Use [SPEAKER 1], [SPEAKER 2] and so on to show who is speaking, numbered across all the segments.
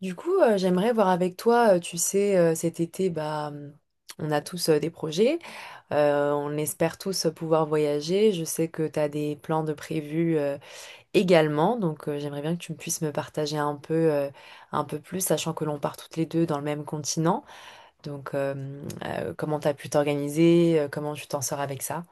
[SPEAKER 1] Du coup, j'aimerais voir avec toi, tu sais, cet été, bah, on a tous des projets, on espère tous pouvoir voyager. Je sais que tu as des plans de prévus également, donc j'aimerais bien que tu me puisses me partager un peu plus, sachant que l'on part toutes les deux dans le même continent. Donc, comment tu as pu t'organiser, comment tu t'en sors avec ça?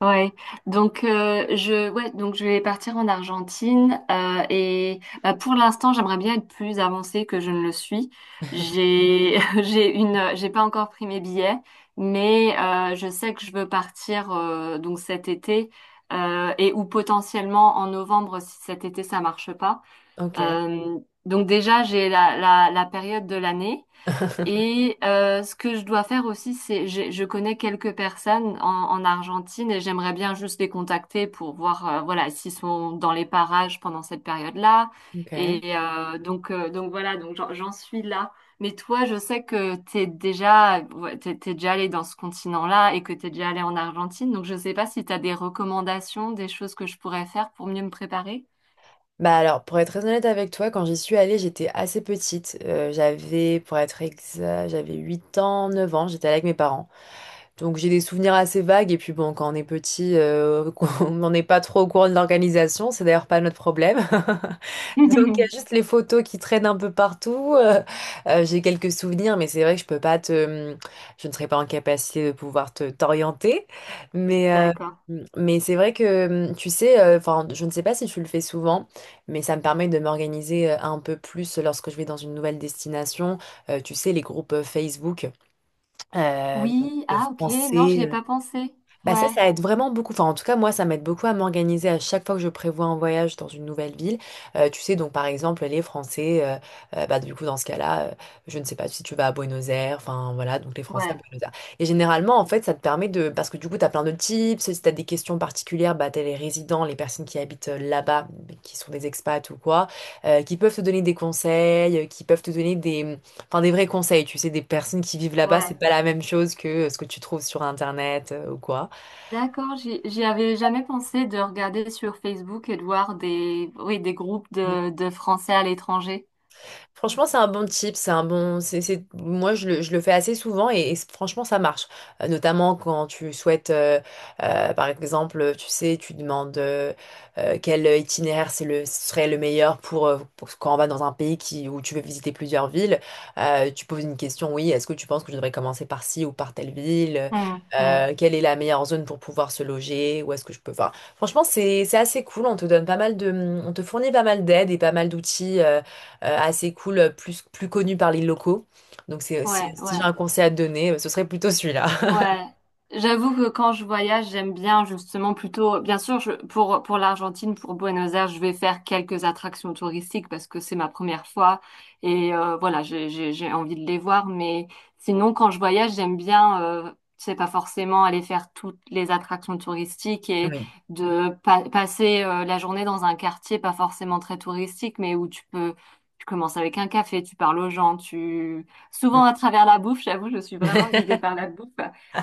[SPEAKER 2] Ouais, je je vais partir en Argentine, et bah, pour l'instant j'aimerais bien être plus avancée que je ne le suis. J'ai j'ai une j'ai pas encore pris mes billets, mais je sais que je veux partir, donc cet été et ou potentiellement en novembre si cet été ça marche pas.
[SPEAKER 1] Ok.
[SPEAKER 2] Euh, donc déjà j'ai la période de l'année. Et ce que je dois faire aussi, c'est je connais quelques personnes en Argentine et j'aimerais bien juste les contacter pour voir, voilà, s'ils sont dans les parages pendant cette période-là.
[SPEAKER 1] Ok.
[SPEAKER 2] Et donc voilà, donc j'en suis là. Mais toi, je sais que t'es déjà, ouais, t'es déjà allé dans ce continent-là et que t'es déjà allé en Argentine. Donc je sais pas si t'as des recommandations, des choses que je pourrais faire pour mieux me préparer.
[SPEAKER 1] Bah alors, pour être très honnête avec toi, quand j'y suis allée, j'étais assez petite. J'avais, pour être exact, j'avais 8 ans, 9 ans, j'étais allée avec mes parents. Donc j'ai des souvenirs assez vagues et puis bon, quand on est petit, on n'en est pas trop au courant de l'organisation, c'est d'ailleurs pas notre problème. Donc il y a juste les photos qui traînent un peu partout. J'ai quelques souvenirs, mais c'est vrai que je peux pas te, je ne serai pas en capacité de pouvoir te t'orienter. Mais euh,
[SPEAKER 2] D'accord.
[SPEAKER 1] mais c'est vrai que tu sais, enfin je ne sais pas si tu le fais souvent, mais ça me permet de m'organiser un peu plus lorsque je vais dans une nouvelle destination. Tu sais les groupes Facebook
[SPEAKER 2] Oui,
[SPEAKER 1] de,
[SPEAKER 2] ah ok, non, j'y ai
[SPEAKER 1] français.
[SPEAKER 2] pas pensé.
[SPEAKER 1] Bah ça,
[SPEAKER 2] Ouais,
[SPEAKER 1] ça aide vraiment beaucoup. Enfin, en tout cas, moi, ça m'aide beaucoup à m'organiser à chaque fois que je prévois un voyage dans une nouvelle ville. Tu sais, donc par exemple, les Français, bah du coup, dans ce cas-là, je ne sais pas si tu vas à Buenos Aires, enfin voilà, donc les Français à
[SPEAKER 2] ouais,
[SPEAKER 1] Buenos Aires. Et généralement, en fait, ça te permet de... Parce que du coup, tu as plein de tips, si tu as des questions particulières, bah t'as les résidents, les personnes qui habitent là-bas, qui sont des expats ou quoi, qui peuvent te donner des conseils, qui peuvent te donner des... Enfin, des vrais conseils, tu sais, des personnes qui vivent là-bas, c'est
[SPEAKER 2] ouais.
[SPEAKER 1] pas la même chose que ce que tu trouves sur Internet ou quoi.
[SPEAKER 2] D'accord, j'y avais jamais pensé de regarder sur Facebook et de voir des, oui, des groupes de Français à l'étranger.
[SPEAKER 1] Franchement, c'est un bon tip, c'est un bon, c'est- moi je le fais assez souvent et franchement ça marche. Notamment quand tu souhaites, par exemple, tu sais, tu demandes quel itinéraire serait le meilleur pour quand on va dans un pays qui, où tu veux visiter plusieurs villes. Tu poses une question, oui, est-ce que tu penses que je devrais commencer par ci ou par telle ville?
[SPEAKER 2] Hmm, hmm.
[SPEAKER 1] Quelle est la meilleure zone pour pouvoir se loger? Où est-ce que je peux? Enfin, franchement, c'est assez cool. On te fournit pas mal d'aide et pas mal d'outils. Assez cool, plus connu par les locaux. Donc si,
[SPEAKER 2] Ouais,
[SPEAKER 1] si j'ai
[SPEAKER 2] ouais.
[SPEAKER 1] un conseil à te donner, ce serait plutôt celui-là.
[SPEAKER 2] Ouais, j'avoue que quand je voyage, j'aime bien justement plutôt, bien sûr, je, pour l'Argentine, pour Buenos Aires, je vais faire quelques attractions touristiques parce que c'est ma première fois et voilà, j'ai envie de les voir. Mais sinon, quand je voyage, j'aime bien, c'est pas forcément aller faire toutes les attractions touristiques et
[SPEAKER 1] Oui.
[SPEAKER 2] de passer, la journée dans un quartier pas forcément très touristique, mais où tu peux, tu commences avec un café, tu parles aux gens, tu souvent à travers la bouffe. J'avoue, je suis vraiment guidée
[SPEAKER 1] Mm.
[SPEAKER 2] par la bouffe.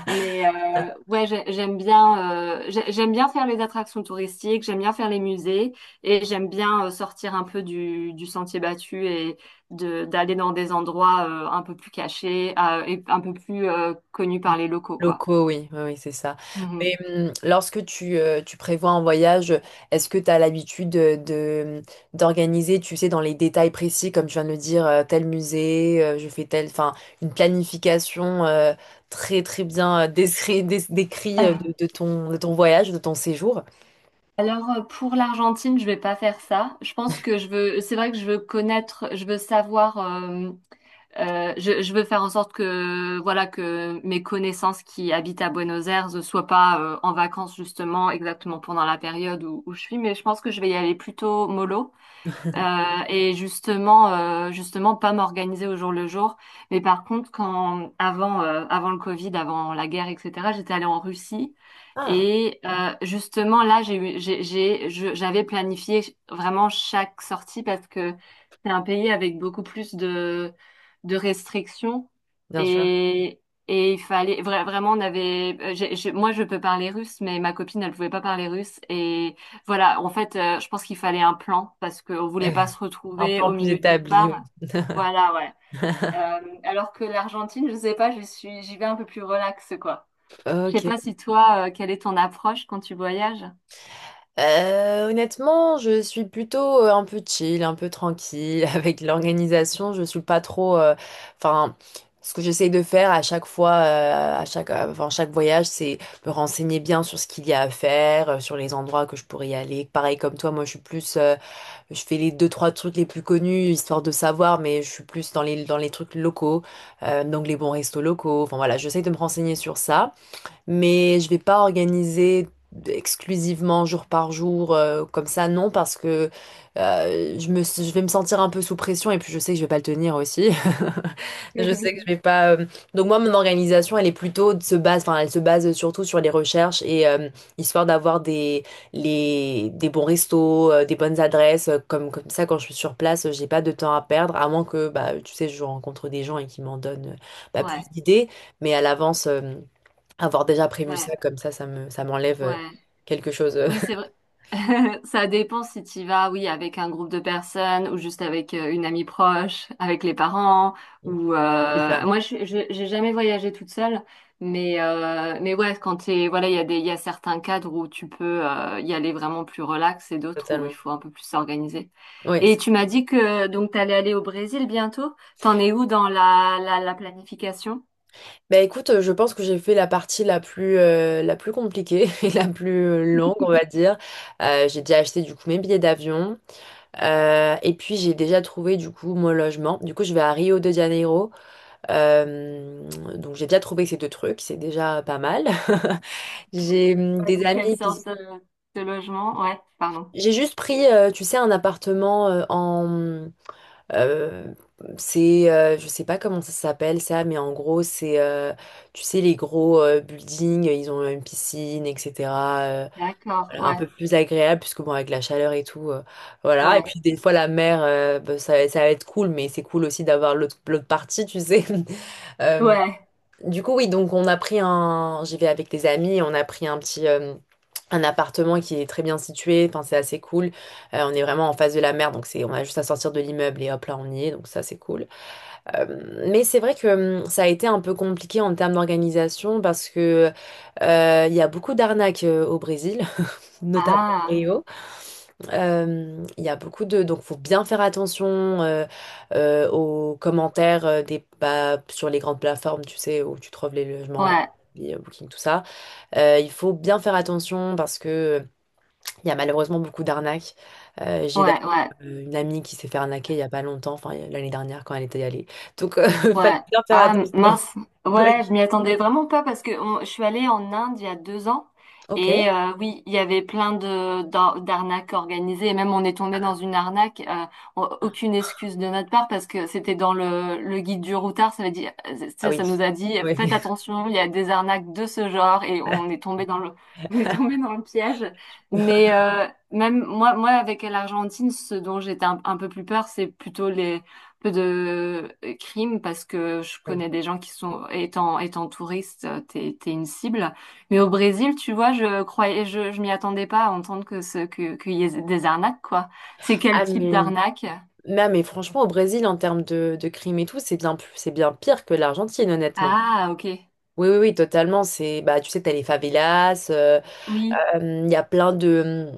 [SPEAKER 2] Mais ouais, j'aime bien, j'aime bien faire les attractions touristiques, j'aime bien faire les musées et j'aime bien, sortir un peu du sentier battu et de d'aller dans des endroits, un peu plus cachés, et un peu plus, connus par les locaux, quoi.
[SPEAKER 1] Locaux, oui, oui, oui, c'est ça.
[SPEAKER 2] Mhm.
[SPEAKER 1] Et lorsque tu prévois un voyage, est-ce que tu as l'habitude d'organiser, tu sais, dans les détails précis, comme tu viens de le dire, tel musée, je fais tel, enfin, une planification très, très bien décrit,
[SPEAKER 2] Euh,
[SPEAKER 1] de ton voyage, de ton séjour?
[SPEAKER 2] Alors, pour l'Argentine, je vais pas faire ça. Je pense que je veux, c'est vrai que je veux connaître, je veux savoir. Je veux faire en sorte que voilà que mes connaissances qui habitent à Buenos Aires ne soient pas, en vacances justement exactement pendant la période où, où je suis, mais je pense que je vais y aller plutôt mollo. Euh, et justement, justement, pas m'organiser au jour le jour. Mais par contre, quand avant, avant le Covid, avant la guerre, etc., j'étais allée en Russie.
[SPEAKER 1] Ah,
[SPEAKER 2] Et justement, là, j'ai, eu- j'ai- je- j'avais planifié vraiment chaque sortie parce que c'est un pays avec beaucoup plus de restrictions.
[SPEAKER 1] bien sûr.
[SPEAKER 2] Et, et il fallait vraiment, on avait, moi, je peux parler russe, mais ma copine, elle pouvait pas parler russe. Voilà, en fait, je pense qu'il fallait un plan parce qu'on voulait pas se
[SPEAKER 1] Un
[SPEAKER 2] retrouver
[SPEAKER 1] plan
[SPEAKER 2] au
[SPEAKER 1] plus
[SPEAKER 2] milieu de nulle
[SPEAKER 1] établi,
[SPEAKER 2] part.
[SPEAKER 1] oui.
[SPEAKER 2] Voilà, ouais. Alors que l'Argentine, je sais pas, je suis, j'y vais un peu plus relax, quoi. Je sais
[SPEAKER 1] Ok.
[SPEAKER 2] pas si toi, quelle est ton approche quand tu voyages?
[SPEAKER 1] Honnêtement, je suis plutôt un peu chill, un peu tranquille avec l'organisation. Je suis pas trop. Enfin, ce que j'essaye de faire à chaque fois, enfin, chaque voyage, c'est me renseigner bien sur ce qu'il y a à faire, sur les endroits que je pourrais y aller. Pareil comme toi, moi, je suis plus. Je fais les deux trois trucs les plus connus histoire de savoir, mais je suis plus dans les trucs locaux, donc les bons restos locaux. Enfin voilà, j'essaye de me renseigner sur ça mais je vais pas organiser exclusivement jour par jour comme ça, non, parce que je vais me sentir un peu sous pression et puis je sais que je vais pas le tenir aussi. Je sais que je vais pas. Donc moi, mon organisation, elle est plutôt enfin, elle se base surtout sur les recherches et histoire d'avoir des bons restos, des bonnes adresses, comme ça quand je suis sur place, j'ai pas de temps à perdre, à moins que bah tu sais, je rencontre des gens et qui m'en donnent bah, plus
[SPEAKER 2] Ouais,
[SPEAKER 1] d'idées, mais à l'avance. Avoir déjà prévu
[SPEAKER 2] ouais,
[SPEAKER 1] ça, comme ça, ça m'enlève
[SPEAKER 2] ouais.
[SPEAKER 1] quelque chose.
[SPEAKER 2] Oui, c'est vrai. Ça dépend si tu vas, oui, avec un groupe de personnes ou juste avec, une amie proche, avec les parents ou,
[SPEAKER 1] C'est ça,
[SPEAKER 2] moi j'ai jamais voyagé toute seule, mais ouais, quand t'es voilà, il y a certains cadres où tu peux, y aller vraiment plus relax et d'autres où il
[SPEAKER 1] totalement.
[SPEAKER 2] faut un peu plus s'organiser.
[SPEAKER 1] Oui.
[SPEAKER 2] Et tu m'as dit que donc t'allais aller au Brésil bientôt. T'en es où dans la planification?
[SPEAKER 1] Bah écoute, je pense que j'ai fait la partie la plus compliquée et la plus longue, on va dire. J'ai déjà acheté du coup mes billets d'avion. Et puis j'ai déjà trouvé du coup mon logement. Du coup, je vais à Rio de Janeiro. Euh, donc j'ai déjà trouvé ces deux trucs, c'est déjà pas mal. J'ai
[SPEAKER 2] Dans
[SPEAKER 1] des
[SPEAKER 2] quelle
[SPEAKER 1] amis qui...
[SPEAKER 2] sorte de logement? Ouais, pardon.
[SPEAKER 1] J'ai juste pris, tu sais, un appartement en... Euh, c'est, je sais pas comment ça s'appelle ça, mais en gros, c'est, tu sais, les gros buildings, ils ont une piscine, etc. euh,
[SPEAKER 2] D'accord,
[SPEAKER 1] voilà, un
[SPEAKER 2] ouais,
[SPEAKER 1] peu plus agréable, puisque bon, avec la chaleur et tout, voilà. Et
[SPEAKER 2] ouais,
[SPEAKER 1] puis des fois, la mer, bah, ça va être cool, mais c'est cool aussi d'avoir l'autre partie, tu sais. Euh,
[SPEAKER 2] ouais.
[SPEAKER 1] du coup, oui, donc on a pris un... J'y vais avec des amis, on a pris un petit... un appartement qui est très bien situé, enfin, c'est assez cool. On est vraiment en face de la mer, donc on a juste à sortir de l'immeuble et hop là on y est, donc ça c'est cool. Mais c'est vrai que ça a été un peu compliqué en termes d'organisation parce que il y a beaucoup d'arnaques au Brésil, notamment à
[SPEAKER 2] Ah.
[SPEAKER 1] Rio. Il y a beaucoup de... Donc, faut bien faire attention aux commentaires bah, sur les grandes plateformes, tu sais, où tu trouves les logements,
[SPEAKER 2] Ouais,
[SPEAKER 1] Airbnb, Booking, tout ça. Il faut bien faire attention parce que il y a malheureusement beaucoup d'arnaques. J'ai
[SPEAKER 2] ouais,
[SPEAKER 1] d'ailleurs
[SPEAKER 2] ouais,
[SPEAKER 1] une amie qui s'est fait arnaquer il y a pas longtemps, enfin l'année dernière quand elle était allée. Donc, fallait
[SPEAKER 2] ouais.
[SPEAKER 1] bien faire
[SPEAKER 2] Ah
[SPEAKER 1] attention.
[SPEAKER 2] mince, ouais,
[SPEAKER 1] Oui.
[SPEAKER 2] je m'y attendais vraiment pas parce que je suis allée en Inde il y a 2 ans
[SPEAKER 1] Ok.
[SPEAKER 2] et oui, il y avait plein de d'arnaques organisées et même on est tombé dans une arnaque. Aucune excuse de notre part parce que c'était dans le guide du routard, ça veut dire,
[SPEAKER 1] Ah oui.
[SPEAKER 2] ça nous a dit faites
[SPEAKER 1] Oui.
[SPEAKER 2] attention, il y a des arnaques de ce genre et on est tombé dans le on est tombé dans le piège. Mais même moi avec l'Argentine, ce dont j'étais un peu plus peur, c'est plutôt les peu de, crimes parce que je
[SPEAKER 1] Oui.
[SPEAKER 2] connais des gens qui sont, étant, étant touriste, t'es une cible. Mais au Brésil, tu vois, je croyais, je m'y attendais pas à entendre que qu'il y ait des arnaques, quoi. C'est quel
[SPEAKER 1] Ah,
[SPEAKER 2] type
[SPEAKER 1] mais
[SPEAKER 2] d'arnaque?
[SPEAKER 1] non, mais franchement, au Brésil, en termes de crime et tout, c'est bien pire que l'Argentine, honnêtement.
[SPEAKER 2] Ah, ok.
[SPEAKER 1] Oui, oui, oui, totalement. Bah, tu sais, t'as les favelas,
[SPEAKER 2] Oui,
[SPEAKER 1] il y a plein de,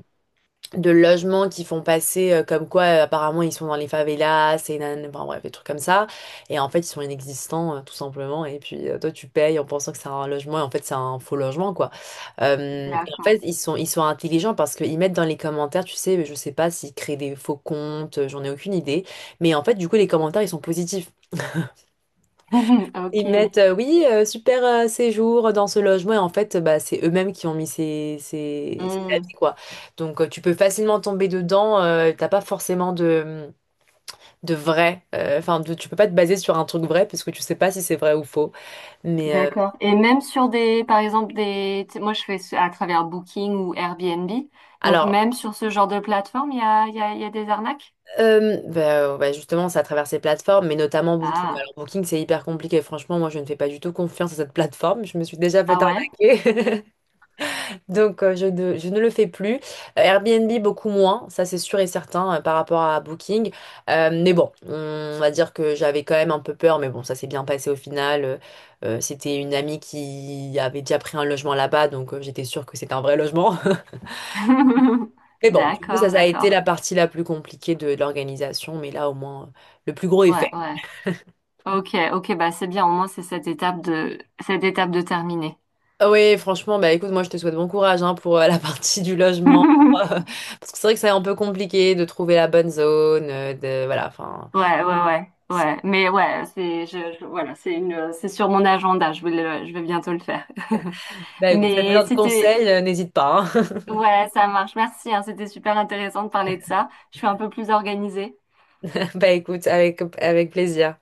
[SPEAKER 1] de logements qui font passer comme quoi apparemment ils sont dans les favelas et nan, enfin bref des trucs comme ça et en fait ils sont inexistants tout simplement et puis toi tu payes en pensant que c'est un logement et en fait c'est un faux logement quoi. Et en
[SPEAKER 2] d'accord.
[SPEAKER 1] fait ils sont intelligents parce qu'ils mettent dans les commentaires, tu sais, je sais pas s'ils créent des faux comptes, j'en ai aucune idée, mais en fait du coup les commentaires ils sont positifs, ils
[SPEAKER 2] Ok.
[SPEAKER 1] mettent, oui, super séjour dans ce logement. Et en fait, bah, c'est eux-mêmes qui ont mis ces
[SPEAKER 2] Hmm,
[SPEAKER 1] avis, quoi. Donc, tu peux facilement tomber dedans. T'as pas forcément de vrai. Enfin, tu peux pas te baser sur un truc vrai parce que tu sais pas si c'est vrai ou faux. Mais
[SPEAKER 2] d'accord. Et même sur des, par exemple, des, tu sais, moi je fais à travers Booking ou Airbnb. Donc
[SPEAKER 1] alors,
[SPEAKER 2] même sur ce genre de plateforme, il y a des arnaques?
[SPEAKER 1] bah, ouais, justement, c'est à travers ces plateformes, mais notamment Booking.
[SPEAKER 2] Ah,
[SPEAKER 1] Alors, Booking, c'est hyper compliqué. Franchement, moi, je ne fais pas du tout confiance à cette plateforme. Je me suis déjà fait
[SPEAKER 2] ah ouais?
[SPEAKER 1] arnaquer. Donc, je ne le fais plus. Airbnb, beaucoup moins, ça c'est sûr et certain par rapport à Booking. Mais bon, on va dire que j'avais quand même un peu peur, mais bon, ça s'est bien passé au final. C'était une amie qui avait déjà pris un logement là-bas, donc j'étais sûre que c'était un vrai logement. Mais bon, du coup, ça,
[SPEAKER 2] D'accord,
[SPEAKER 1] ça a été
[SPEAKER 2] d'accord.
[SPEAKER 1] la partie la plus compliquée de l'organisation, mais là, au moins, le plus gros est
[SPEAKER 2] Ouais,
[SPEAKER 1] fait.
[SPEAKER 2] ouais. Ok, ok, bah c'est bien, au moins c'est cette étape de terminée.
[SPEAKER 1] Ah oui, franchement, bah écoute, moi je te souhaite bon courage hein, pour la partie du logement. Parce que c'est vrai que c'est un peu compliqué de trouver la bonne zone, voilà, enfin.
[SPEAKER 2] Ouais, ouais, ouais,
[SPEAKER 1] C'est-
[SPEAKER 2] ouais. Mais ouais, voilà, c'est une c'est sur mon agenda, je vais bientôt le faire.
[SPEAKER 1] Bah écoute, si tu as
[SPEAKER 2] Mais
[SPEAKER 1] besoin de
[SPEAKER 2] c'était
[SPEAKER 1] conseils, n'hésite pas, hein.
[SPEAKER 2] ouais, ça marche, merci, hein, c'était super intéressant de parler de ça. Je suis un peu plus organisée.
[SPEAKER 1] Bah écoute, avec plaisir.